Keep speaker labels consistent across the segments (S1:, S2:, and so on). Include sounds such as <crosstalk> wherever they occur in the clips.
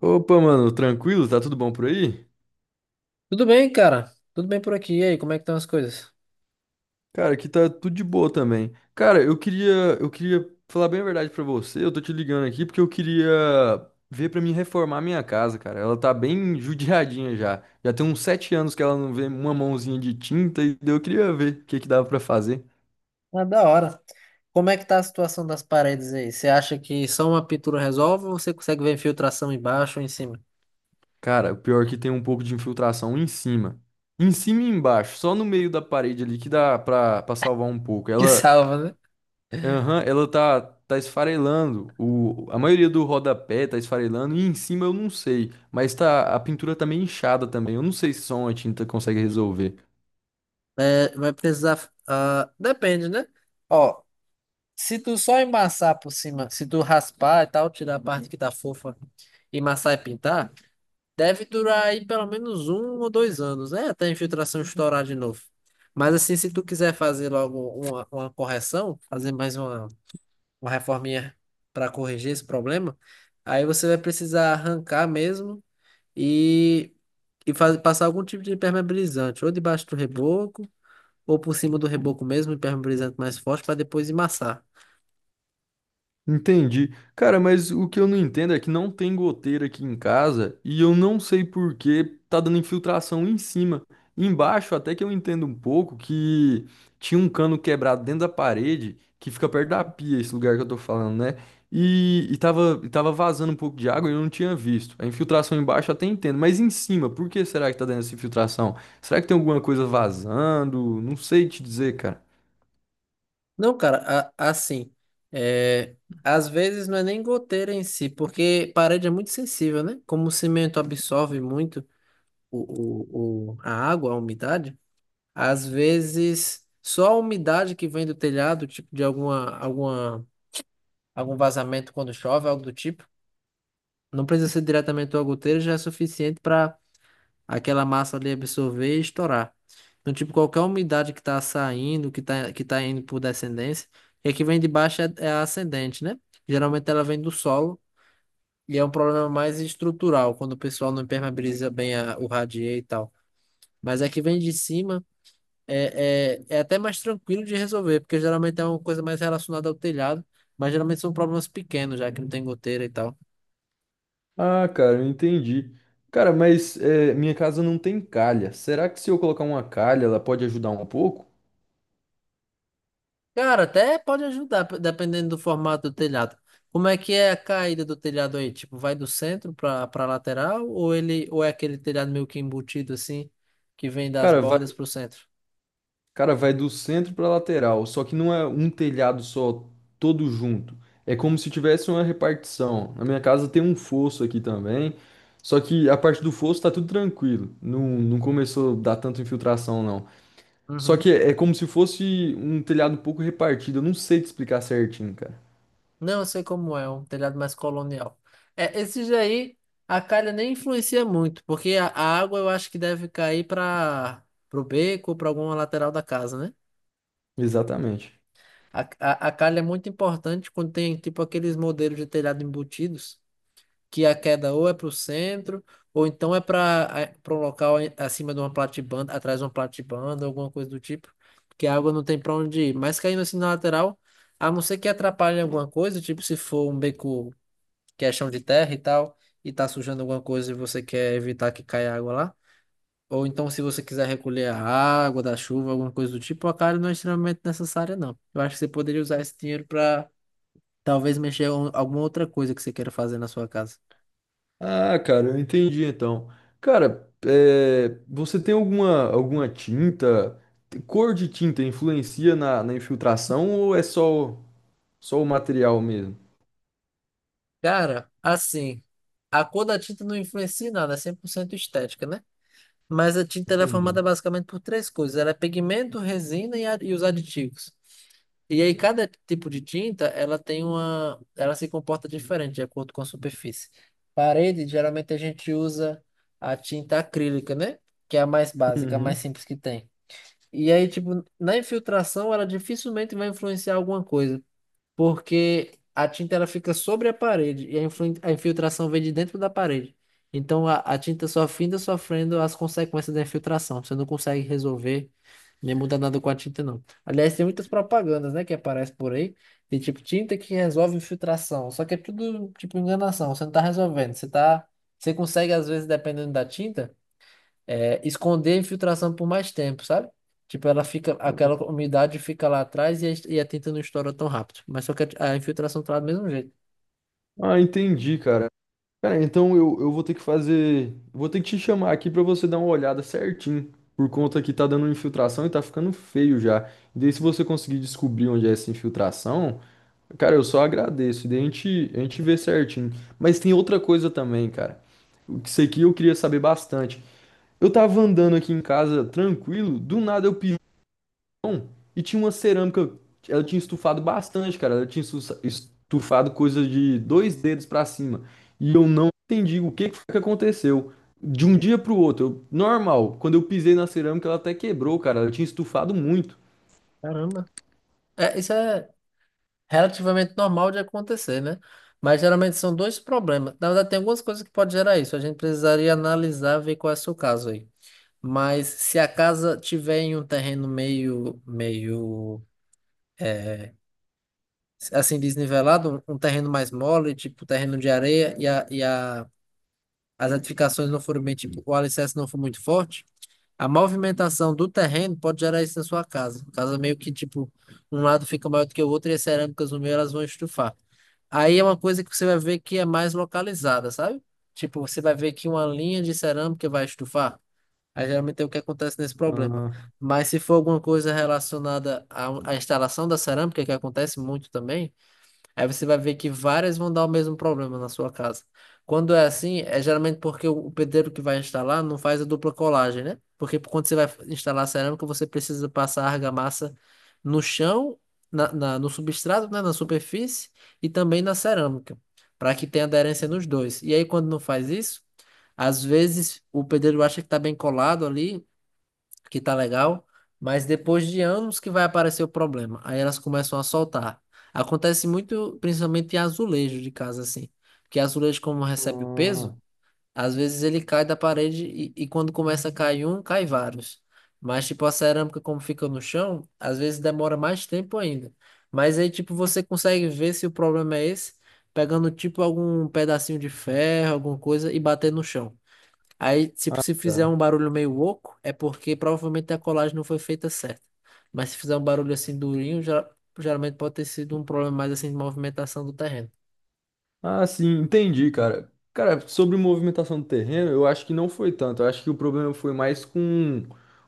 S1: Opa, mano, tranquilo? Tá tudo bom por aí?
S2: Tudo bem, cara? Tudo bem por aqui. E aí, como é que estão as coisas?
S1: Cara, aqui tá tudo de boa também. Cara, eu queria falar bem a verdade pra você. Eu tô te ligando aqui porque eu queria ver pra mim reformar a minha casa, cara. Ela tá bem <laughs> judiadinha já. Já tem uns 7 anos que ela não vê uma mãozinha de tinta e daí eu queria ver o que que dava pra fazer.
S2: Ah, da hora. Como é que tá a situação das paredes aí? Você acha que só uma pintura resolve ou você consegue ver infiltração embaixo ou em cima? <laughs>
S1: Cara, o pior é que tem um pouco de infiltração em cima. Em cima e embaixo, só no meio da parede ali que dá pra salvar um pouco.
S2: Que
S1: Ela
S2: salva, né?
S1: Aham, ela tá esfarelando. A maioria do rodapé tá esfarelando e em cima eu não sei. Mas tá, a pintura tá meio inchada também. Eu não sei se só uma tinta consegue resolver.
S2: É, vai precisar. Depende, né? Ó, se tu só embaçar por cima, se tu raspar e tal, tirar a parte que tá fofa e amassar e pintar, deve durar aí pelo menos um ou dois anos, né? Até a infiltração estourar de novo. Mas assim, se tu quiser fazer logo uma correção, fazer mais uma. Uma reforminha para corrigir esse problema, aí você vai precisar arrancar mesmo e, e passar algum tipo de impermeabilizante, ou debaixo do reboco, ou por cima do reboco mesmo, impermeabilizante mais forte, para depois emassar.
S1: Entendi. Cara, mas o que eu não entendo é que não tem goteira aqui em casa e eu não sei por que tá dando infiltração em cima. Embaixo, até que eu entendo um pouco que tinha um cano quebrado dentro da parede que fica perto da pia, esse lugar que eu tô falando, né? E tava vazando um pouco de água e eu não tinha visto. A infiltração embaixo eu até entendo, mas em cima, por que será que tá dando essa infiltração? Será que tem alguma coisa vazando? Não sei te dizer, cara.
S2: Não, cara, assim, é, às vezes não é nem goteira em si, porque parede é muito sensível, né? Como o cimento absorve muito a água, a umidade, às vezes só a umidade que vem do telhado, tipo de alguma algum vazamento quando chove, algo do tipo. Não precisa ser diretamente uma goteira, já é suficiente para aquela massa ali absorver e estourar. Então, tipo, qualquer umidade que está saindo, que tá indo por descendência, e a que vem de baixo é a ascendente, né? Geralmente ela vem do solo e é um problema mais estrutural, quando o pessoal não impermeabiliza bem o radier e tal. Mas a que vem de cima é até mais tranquilo de resolver, porque geralmente é uma coisa mais relacionada ao telhado, mas geralmente são problemas pequenos, já que não tem goteira e tal.
S1: Ah, cara, eu entendi. Cara, mas é, minha casa não tem calha. Será que se eu colocar uma calha, ela pode ajudar um pouco?
S2: Cara, até pode ajudar, dependendo do formato do telhado. Como é que é a caída do telhado aí? Tipo, vai do centro para lateral ou é aquele telhado meio que embutido assim, que vem das
S1: Cara,
S2: bordas
S1: vai,
S2: pro centro?
S1: cara, vai do centro pra lateral, só que não é um telhado só, todo junto. É como se tivesse uma repartição. Na minha casa tem um fosso aqui também, só que a parte do fosso tá tudo tranquilo. Não, não começou a dar tanta infiltração, não. Só
S2: Uhum.
S1: que é como se fosse um telhado um pouco repartido. Eu não sei te explicar certinho, cara.
S2: Não, eu sei como é, um telhado mais colonial. É, esses aí a calha nem influencia muito, porque a água eu acho que deve cair para pro beco ou para alguma lateral da casa, né?
S1: Exatamente.
S2: A calha é muito importante quando tem tipo aqueles modelos de telhado embutidos, que a queda ou é para o centro, ou então é para um local acima de uma platibanda, atrás de uma platibanda, alguma coisa do tipo, que a água não tem para onde ir. Mas caindo assim na lateral, a não ser que atrapalhe alguma coisa, tipo se for um beco que é chão de terra e tal, e tá sujando alguma coisa e você quer evitar que caia água lá. Ou então, se você quiser recolher a água da chuva, alguma coisa do tipo, a cara não é extremamente necessária, não. Eu acho que você poderia usar esse dinheiro para talvez mexer em alguma outra coisa que você queira fazer na sua casa.
S1: Ah, cara, eu entendi então. Cara, é, você tem alguma tinta? Cor de tinta influencia na infiltração ou é só o material mesmo?
S2: Cara, assim, a cor da tinta não influencia em nada, é 100% estética, né? Mas a tinta ela é formada
S1: Entendi.
S2: basicamente por três coisas: ela é pigmento, resina e os aditivos. E aí cada tipo de tinta, ela tem uma, ela se comporta diferente de acordo com a superfície. Parede, geralmente a gente usa a tinta acrílica, né? Que é a mais básica, a mais
S1: Uhum.
S2: simples que tem. E aí, tipo, na infiltração, ela dificilmente vai influenciar alguma coisa porque a tinta ela fica sobre a parede e a a infiltração vem de dentro da parede. Então a tinta só finda sofrendo as consequências da infiltração. Você não consegue resolver nem mudar nada com a tinta, não. Aliás, tem muitas propagandas, né, que aparecem por aí. Tem tipo tinta que resolve infiltração. Só que é tudo tipo enganação. Você não tá resolvendo. Você consegue às vezes, dependendo da tinta esconder a infiltração por mais tempo, sabe? Tipo, ela fica, aquela umidade fica lá atrás e a tinta não estoura tão rápido. Mas só que a infiltração tá lá do mesmo jeito.
S1: Ah, entendi, cara. Cara, então eu vou ter que fazer. Vou ter que te chamar aqui pra você dar uma olhada certinho. Por conta que tá dando infiltração e tá ficando feio já. E daí, se você conseguir descobrir onde é essa infiltração. Cara, eu só agradeço. Daí a gente vê certinho. Mas tem outra coisa também, cara. Isso aqui eu queria saber bastante. Eu tava andando aqui em casa tranquilo, do nada eu pisei no chão e tinha uma cerâmica. Ela tinha estufado bastante, cara. Ela tinha estufado coisa de dois dedos pra cima. E eu não entendi o que que foi que aconteceu. De um dia pro outro, normal. Quando eu pisei na cerâmica, ela até quebrou, cara. Ela tinha estufado muito.
S2: Caramba. É, isso é relativamente normal de acontecer, né? Mas geralmente são dois problemas. Na verdade, tem algumas coisas que pode gerar isso. A gente precisaria analisar, ver qual é o seu caso aí. Mas se a casa tiver em um terreno meio é, assim desnivelado, um terreno mais mole, tipo terreno de areia e a as edificações não forem bem, tipo, o alicerce não for muito forte, a movimentação do terreno pode gerar isso na sua casa. Casa meio que, tipo, um lado fica maior do que o outro e as cerâmicas no meio elas vão estufar. Aí é uma coisa que você vai ver que é mais localizada, sabe? Tipo, você vai ver que uma linha de cerâmica vai estufar. Aí geralmente é o que acontece nesse problema.
S1: Ah,
S2: Mas se for alguma coisa relacionada à instalação da cerâmica, que acontece muito também, aí você vai ver que várias vão dar o mesmo problema na sua casa. Quando é assim, é geralmente porque o pedreiro que vai instalar não faz a dupla colagem, né? Porque quando você vai instalar cerâmica, você precisa passar a argamassa no chão, no substrato, né? Na superfície e também na cerâmica, para que tenha aderência nos dois. E aí, quando não faz isso, às vezes o pedreiro acha que está bem colado ali, que tá legal, mas depois de anos que vai aparecer o problema. Aí elas começam a soltar. Acontece muito, principalmente em azulejo de casa, assim. Porque azulejo, como recebe o peso,
S1: ah,
S2: às vezes ele cai da parede e quando começa a cair um, cai vários. Mas, tipo, a cerâmica, como fica no chão, às vezes demora mais tempo ainda. Mas aí, tipo, você consegue ver se o problema é esse, pegando, tipo, algum pedacinho de ferro, alguma coisa, e bater no chão. Aí, tipo,
S1: ah,
S2: se fizer um
S1: tá.
S2: barulho meio oco, é porque provavelmente a colagem não foi feita certa. Mas se fizer um barulho assim durinho, já, geralmente pode ter sido um problema mais assim de movimentação do terreno.
S1: Ah, sim, entendi, cara. Cara, sobre movimentação do terreno, eu acho que não foi tanto. Eu acho que o problema foi mais com,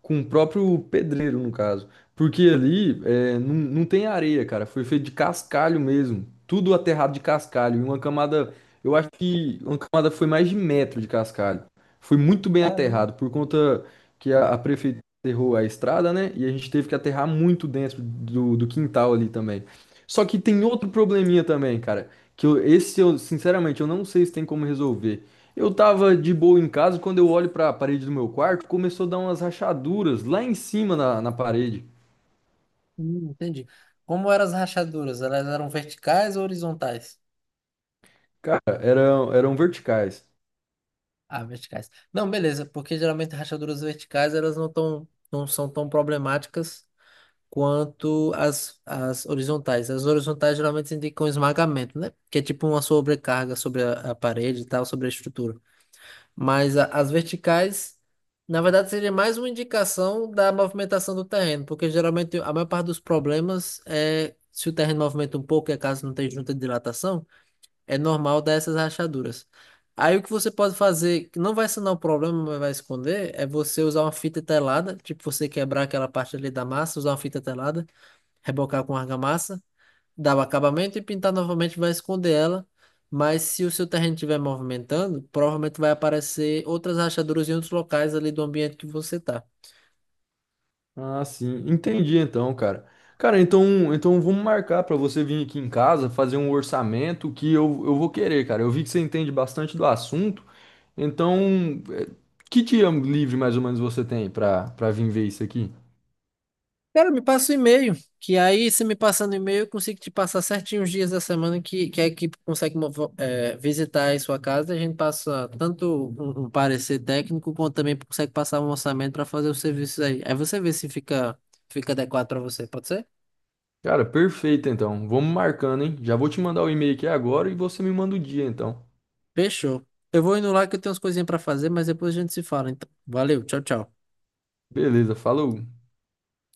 S1: com o próprio pedreiro, no caso. Porque ali não, não tem areia, cara. Foi feito de cascalho mesmo. Tudo aterrado de cascalho. E uma camada, eu acho que uma camada foi mais de metro de cascalho. Foi muito bem
S2: Caramba.
S1: aterrado, por conta que a prefeitura aterrou a estrada, né? E a gente teve que aterrar muito dentro do quintal ali também. Só que tem outro probleminha também, cara. Esse eu, sinceramente, eu não sei se tem como resolver. Eu tava de boa em casa, quando eu olho pra parede do meu quarto, começou a dar umas rachaduras lá em cima na parede.
S2: Entendi. Como eram as rachaduras? Elas eram verticais ou horizontais?
S1: Cara, eram verticais.
S2: Ah, verticais. Não, beleza, porque geralmente rachaduras verticais elas não são tão problemáticas quanto as horizontais. As horizontais geralmente indicam um esmagamento, né? Que é tipo uma sobrecarga sobre a parede e tal, sobre a estrutura. Mas as verticais, na verdade, seria mais uma indicação da movimentação do terreno, porque geralmente a maior parte dos problemas é se o terreno movimenta um pouco e a casa não tem junta de dilatação, é normal dar essas rachaduras. Aí o que você pode fazer, que não vai sanar o problema, mas vai esconder, é você usar uma fita telada, tipo você quebrar aquela parte ali da massa, usar uma fita telada, rebocar com argamassa dá o acabamento e pintar novamente vai esconder ela. Mas se o seu terreno estiver movimentando, provavelmente vai aparecer outras rachaduras em outros locais ali do ambiente que você tá.
S1: Ah, sim, entendi então, cara. Cara, então vamos marcar pra você vir aqui em casa, fazer um orçamento que eu vou querer, cara. Eu vi que você entende bastante do assunto, então, que dia livre mais ou menos você tem pra vir ver isso aqui?
S2: Cara, me passa o e-mail, que aí, se me passando o e-mail, eu consigo te passar certinho os dias da semana que a equipe consegue visitar aí sua casa e a gente passa tanto um parecer técnico, quanto também consegue passar um orçamento para fazer os serviços aí. Aí você vê se fica, Fica adequado para você, pode ser?
S1: Cara, perfeito então. Vamos marcando, hein? Já vou te mandar o e-mail aqui agora e você me manda o dia então.
S2: Fechou. Eu vou indo lá que eu tenho umas coisinhas pra fazer, mas depois a gente se fala. Então, valeu, tchau, tchau.
S1: Beleza, falou.